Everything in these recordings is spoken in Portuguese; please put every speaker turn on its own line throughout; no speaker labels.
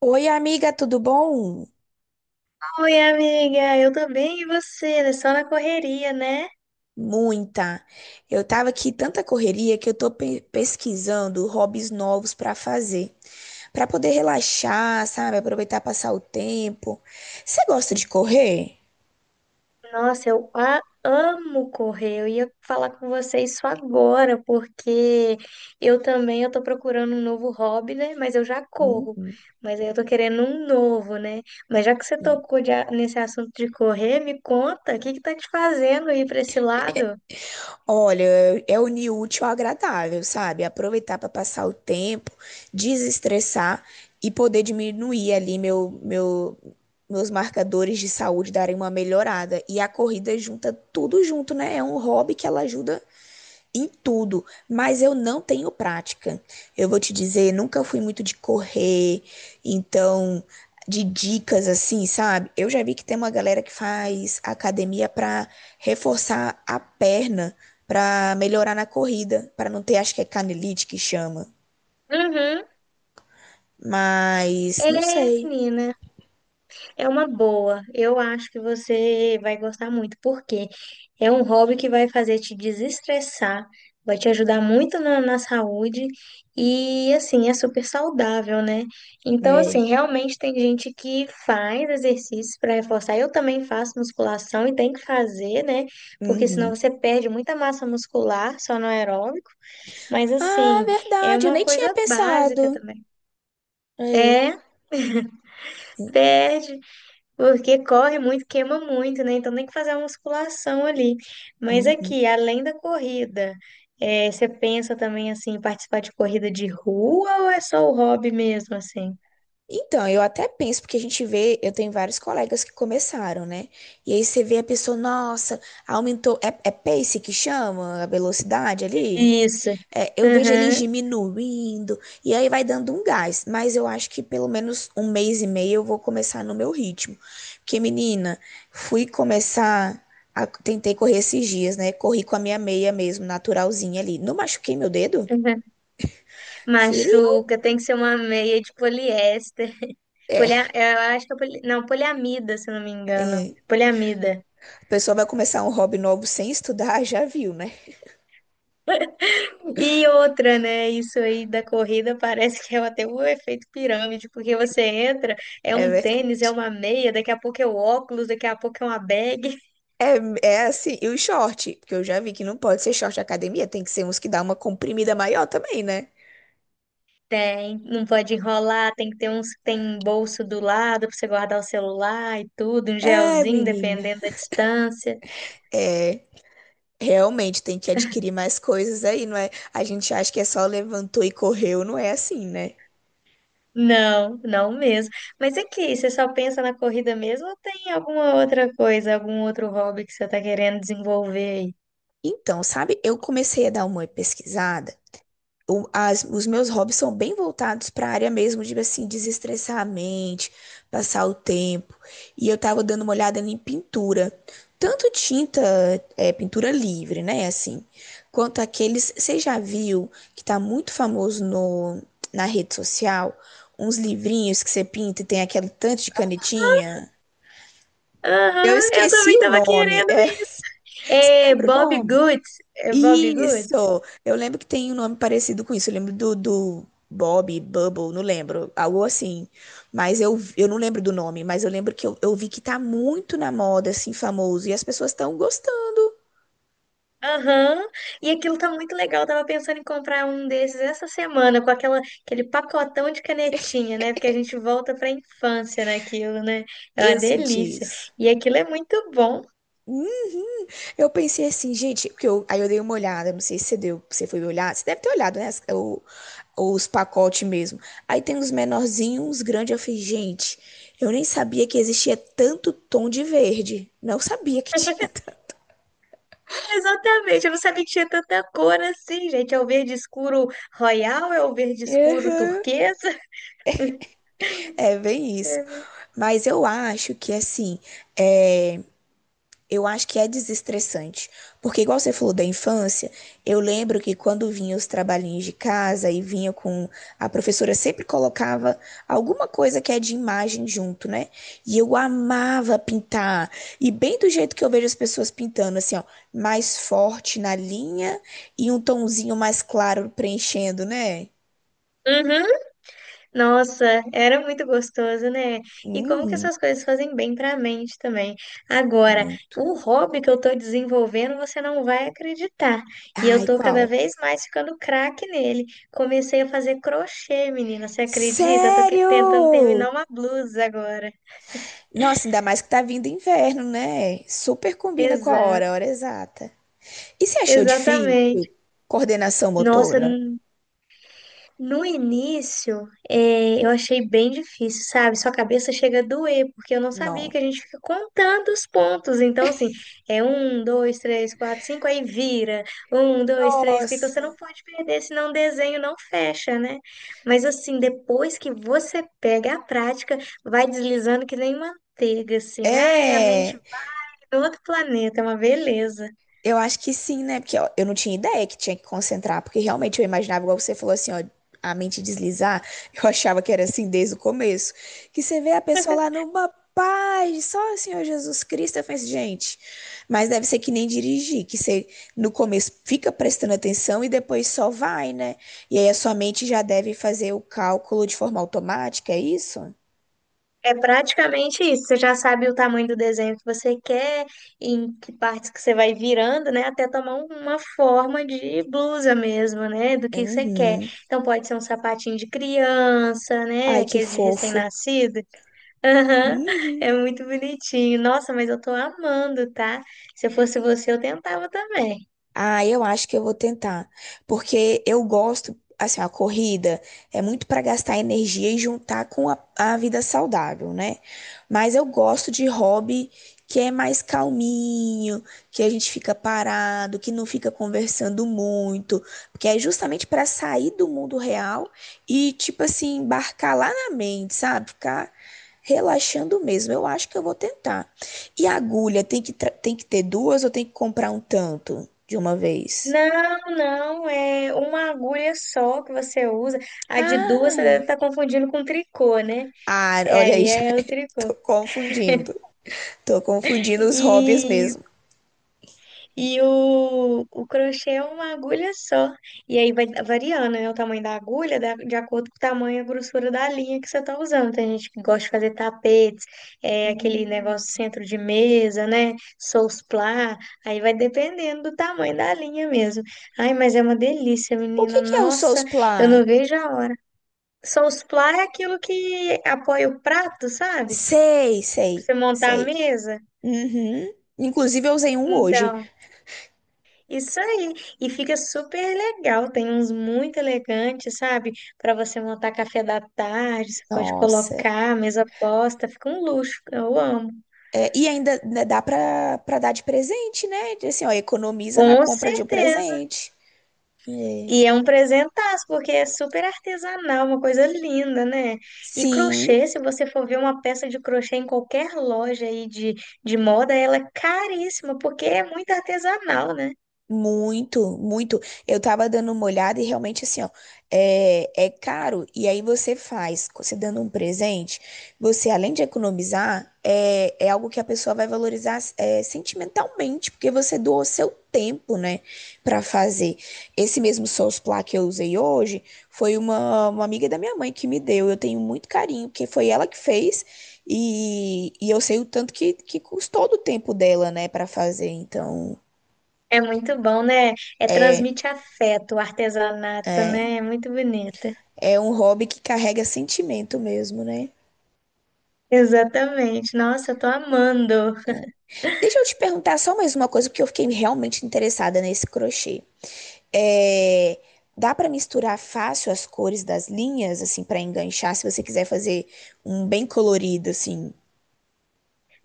Oi, amiga, tudo bom?
Oi, amiga, eu tô bem e você? Né? Só na correria, né?
Muita. Eu tava aqui tanta correria que eu tô pesquisando hobbies novos pra fazer, pra poder relaxar, sabe? Aproveitar passar o tempo. Você gosta de correr?
Nossa, eu amo correr. Eu ia falar com você isso agora, porque eu também eu tô procurando um novo hobby, né? Mas eu já corro.
Uhum.
Mas aí eu tô querendo um novo, né? Mas já que você tocou nesse assunto de correr, me conta, o que que tá te fazendo ir pra esse lado?
Olha, é unir o útil ao agradável, sabe? Aproveitar para passar o tempo, desestressar e poder diminuir ali meus marcadores de saúde darem uma melhorada. E a corrida junta tudo junto, né? É um hobby que ela ajuda em tudo, mas eu não tenho prática. Eu vou te dizer, nunca fui muito de correr, então de dicas assim, sabe? Eu já vi que tem uma galera que faz academia para reforçar a perna, para melhorar na corrida, para não ter, acho que é canelite que chama,
Uhum.
mas
É,
não sei,
menina. É uma boa. Eu acho que você vai gostar muito, porque é um hobby que vai fazer te desestressar, vai te ajudar muito na saúde e, assim, é super saudável, né? Então,
né?
assim, realmente tem gente que faz exercícios para reforçar. Eu também faço musculação e tem que fazer, né? Porque senão
Uhum.
você perde muita massa muscular só no aeróbico. Mas,
Ah,
assim, é
verdade, eu
uma
nem tinha
coisa básica
pensado.
também.
É.
É, perde. Porque corre muito, queima muito, né? Então tem que fazer uma musculação ali. Mas
Uhum.
aqui, além da corrida, você pensa também assim, em participar de corrida de rua ou é só o hobby mesmo, assim?
Então, eu até penso, porque a gente vê, eu tenho vários colegas que começaram, né? E aí você vê a pessoa, nossa, aumentou, é pace que chama a velocidade ali?
Isso.
É, eu vejo eles
Aham,
diminuindo, e aí vai dando um gás. Mas eu acho que pelo menos um mês e meio eu vou começar no meu ritmo. Porque, menina, fui começar, tentei correr esses dias, né? Corri com a minha meia mesmo, naturalzinha ali. Não machuquei meu dedo?
aham.
Feriu.
Machuca, tem que ser uma meia de poliéster.
É.
Eu acho que é não, poliamida, se eu não me engano.
É.
Poliamida.
A pessoa vai começar um hobby novo sem estudar, já viu, né?
E outra, né? Isso aí da corrida parece que é até um efeito pirâmide, porque você entra, é
É,
um
ver-
tênis, é uma meia, daqui a pouco é o óculos, daqui a pouco é uma bag.
é, é assim, e o short, porque eu já vi que não pode ser short de academia, tem que ser uns que dá uma comprimida maior também, né?
Tem, não pode enrolar, tem que ter uns, tem um bolso do lado para você guardar o celular e tudo, um
É,
gelzinho,
menina.
dependendo da distância.
É, realmente tem que adquirir mais coisas aí, não é? A gente acha que é só levantou e correu, não é assim, né?
Não, não mesmo. Mas aqui, você só pensa na corrida mesmo ou tem alguma outra coisa, algum outro hobby que você tá querendo desenvolver aí?
Então, sabe, eu comecei a dar uma pesquisada os meus hobbies são bem voltados para a área mesmo de assim desestressar a mente, passar o tempo. E eu tava dando uma olhada em pintura, tanto tinta, é, pintura livre, né, assim, quanto aqueles, você já viu que tá muito famoso no na rede social, uns livrinhos que você pinta e tem aquele tanto de canetinha? Eu
Aham, eu
esqueci
também
o
tava
nome.
querendo
É,
isso.
você
É
lembra o
Bob
nome?
Good é Bob Good.
Isso! Eu lembro que tem um nome parecido com isso. Eu lembro do Bob, Bubble, não lembro. Algo assim. Mas eu não lembro do nome, mas eu lembro que eu vi que tá muito na moda, assim, famoso. E as pessoas estão gostando.
Aham, e aquilo tá muito legal. Eu tava pensando em comprar um desses essa semana, com aquele pacotão de canetinha, né? Porque a gente volta pra infância naquilo, né? É uma
Eu senti
delícia.
isso.
E aquilo é muito bom.
Hum, eu pensei assim, gente, porque eu, aí eu dei uma olhada, não sei se você deu, você foi olhar, você deve ter olhado, né? Os pacotes mesmo. Aí tem uns menorzinhos, uns grandes. Eu falei, gente, eu nem sabia que existia tanto tom de verde. Não sabia que tinha.
Exatamente, eu não sabia que tinha tanta cor assim, gente. É o verde escuro royal, é o verde escuro
Uhum.
turquesa.
É bem isso. Mas eu acho que assim, é, eu acho que é desestressante. Porque igual você falou da infância, eu lembro que quando vinha os trabalhinhos de casa e vinha com a professora sempre colocava alguma coisa que é de imagem junto, né? E eu amava pintar. E bem do jeito que eu vejo as pessoas pintando, assim, ó, mais forte na linha e um tonzinho mais claro preenchendo, né?
Uhum. Nossa, era muito gostoso, né? E como que
Uhum.
essas coisas fazem bem para a mente também. Agora, o hobby que eu tô desenvolvendo, você não vai acreditar. E eu
Ai,
tô
qual?
cada vez mais ficando craque nele. Comecei a fazer crochê, menina, você acredita? Eu tô tentando terminar
Sério?
uma blusa agora.
Nossa, ainda mais que tá vindo inverno, né? Super combina com a
Exato,
hora exata. E você achou difícil?
exatamente.
Coordenação
Nossa,
motora?
no início, eu achei bem difícil, sabe? Sua cabeça chega a doer, porque eu não sabia
Não.
que a gente fica contando os pontos. Então, assim, é um, dois, três, quatro, cinco, aí vira. Um, dois, três, quatro. Então
Nossa.
você não pode perder, senão o desenho não fecha, né? Mas, assim, depois que você pega a prática, vai deslizando que nem manteiga, assim. Ai, a mente
É.
vai pra outro planeta, é uma beleza.
Eu acho que sim, né? Porque ó, eu não tinha ideia que tinha que concentrar, porque realmente eu imaginava, igual você falou assim, ó, a mente deslizar, eu achava que era assim desde o começo. Que você vê a pessoa lá numa paz, só o Senhor Jesus Cristo, eu falei assim, gente, mas deve ser que nem dirigir, que você no começo fica prestando atenção e depois só vai, né? E aí a sua mente já deve fazer o cálculo de forma automática, é isso?
É praticamente isso. Você já sabe o tamanho do desenho que você quer, em que partes que você vai virando, né? Até tomar uma forma de blusa mesmo, né? Do que você quer.
Uhum.
Então pode ser um sapatinho de criança, né?
Ai, que
Aqueles de
fofo.
recém-nascido. Aham.
Uhum.
É muito bonitinho. Nossa, mas eu tô amando, tá? Se eu fosse você, eu tentava também.
Ah, eu acho que eu vou tentar, porque eu gosto, assim, a corrida é muito para gastar energia e juntar com a vida saudável, né? Mas eu gosto de hobby que é mais calminho, que a gente fica parado, que não fica conversando muito, porque é justamente para sair do mundo real e, tipo assim, embarcar lá na mente, sabe? Ficar relaxando mesmo. Eu acho que eu vou tentar. E a agulha tem que, tem que ter duas ou tem que comprar um tanto? De uma vez.
Não, não, é uma agulha só que você usa. A de duas você
Ah,
deve estar confundindo com tricô, né?
ah,
É,
olha
aí
aí, já
é o
tô
tricô.
confundindo. Tô confundindo os hobbies
E,
mesmo.
e o crochê é uma agulha só. E aí vai variando, né, o tamanho da agulha de acordo com o tamanho e a grossura da linha que você tá usando. Tem gente que gosta de fazer tapetes, é, aquele
Hum.
negócio centro de mesa, né? Sousplá. Aí vai dependendo do tamanho da linha mesmo. Ai, mas é uma delícia,
O
menina.
que que é o
Nossa, eu
Soulsplan?
não vejo a hora. Sousplá é aquilo que apoia o prato, sabe?
Sei,
Pra
sei,
você montar a
sei.
mesa.
Uhum. Inclusive, eu usei um hoje.
Então. Isso aí. E fica super legal. Tem uns muito elegantes, sabe? Para você montar café da tarde, você pode
Nossa.
colocar mesa posta, fica um luxo. Eu amo.
É, e ainda né, dá pra dar de presente, né? Assim, ó, economiza na
Com
compra de um
certeza.
presente. É.
E é um presentaço, porque é super artesanal, uma coisa linda, né? E
Sim.
crochê, se você for ver uma peça de crochê em qualquer loja aí de moda, ela é caríssima, porque é muito artesanal, né?
Muito, muito. Eu tava dando uma olhada e realmente assim, ó, é, é caro. E aí você faz, você dando um presente, você além de economizar, é, é algo que a pessoa vai valorizar é, sentimentalmente, porque você doou seu tempo, né, pra fazer. Esse mesmo Souls Plá que eu usei hoje foi uma amiga da minha mãe que me deu. Eu tenho muito carinho, porque foi ela que fez. E eu sei o tanto que custou do tempo dela, né, pra fazer. Então.
É muito bom, né? É transmite afeto, o artesanato, né? É muito bonito.
É um hobby que carrega sentimento mesmo, né?
Exatamente. Nossa, eu tô amando.
Deixa eu te perguntar só mais uma coisa, porque eu fiquei realmente interessada nesse crochê. É, dá para misturar fácil as cores das linhas, assim, para enganchar, se você quiser fazer um bem colorido, assim.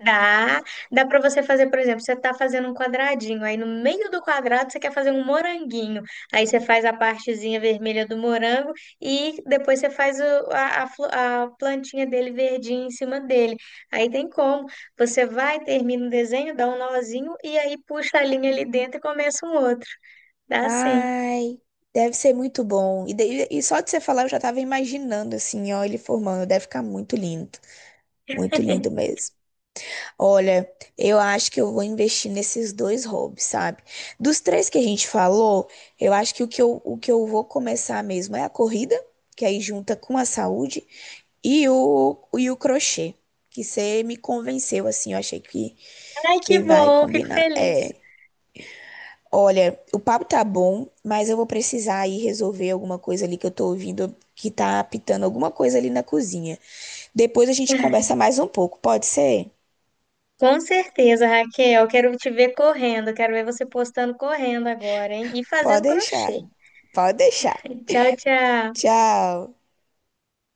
Dá, dá para você fazer, por exemplo, você tá fazendo um quadradinho, aí no meio do quadrado você quer fazer um moranguinho. Aí você faz a partezinha vermelha do morango e depois você faz a plantinha dele verdinha em cima dele. Aí tem como. Você vai, termina o desenho, dá um nozinho e aí puxa a linha ali dentro e começa um outro. Dá sim.
Ai, deve ser muito bom. E só de você falar, eu já tava imaginando, assim, ó, ele formando. Deve ficar muito lindo. Muito lindo mesmo. Olha, eu acho que eu vou investir nesses dois hobbies, sabe? Dos três que a gente falou, eu acho que o que eu vou começar mesmo é a corrida, que aí junta com a saúde, e o crochê, que você me convenceu, assim, eu achei
Ai, que
que vai
bom, fico
combinar.
feliz.
É, olha, o papo tá bom, mas eu vou precisar ir resolver alguma coisa ali que eu tô ouvindo que tá apitando alguma coisa ali na cozinha. Depois a gente conversa mais um pouco, pode ser?
Com certeza, Raquel. Quero te ver correndo. Quero ver você postando correndo agora, hein? E
Pode
fazendo
deixar,
crochê.
pode deixar.
Tchau, tchau.
Tchau.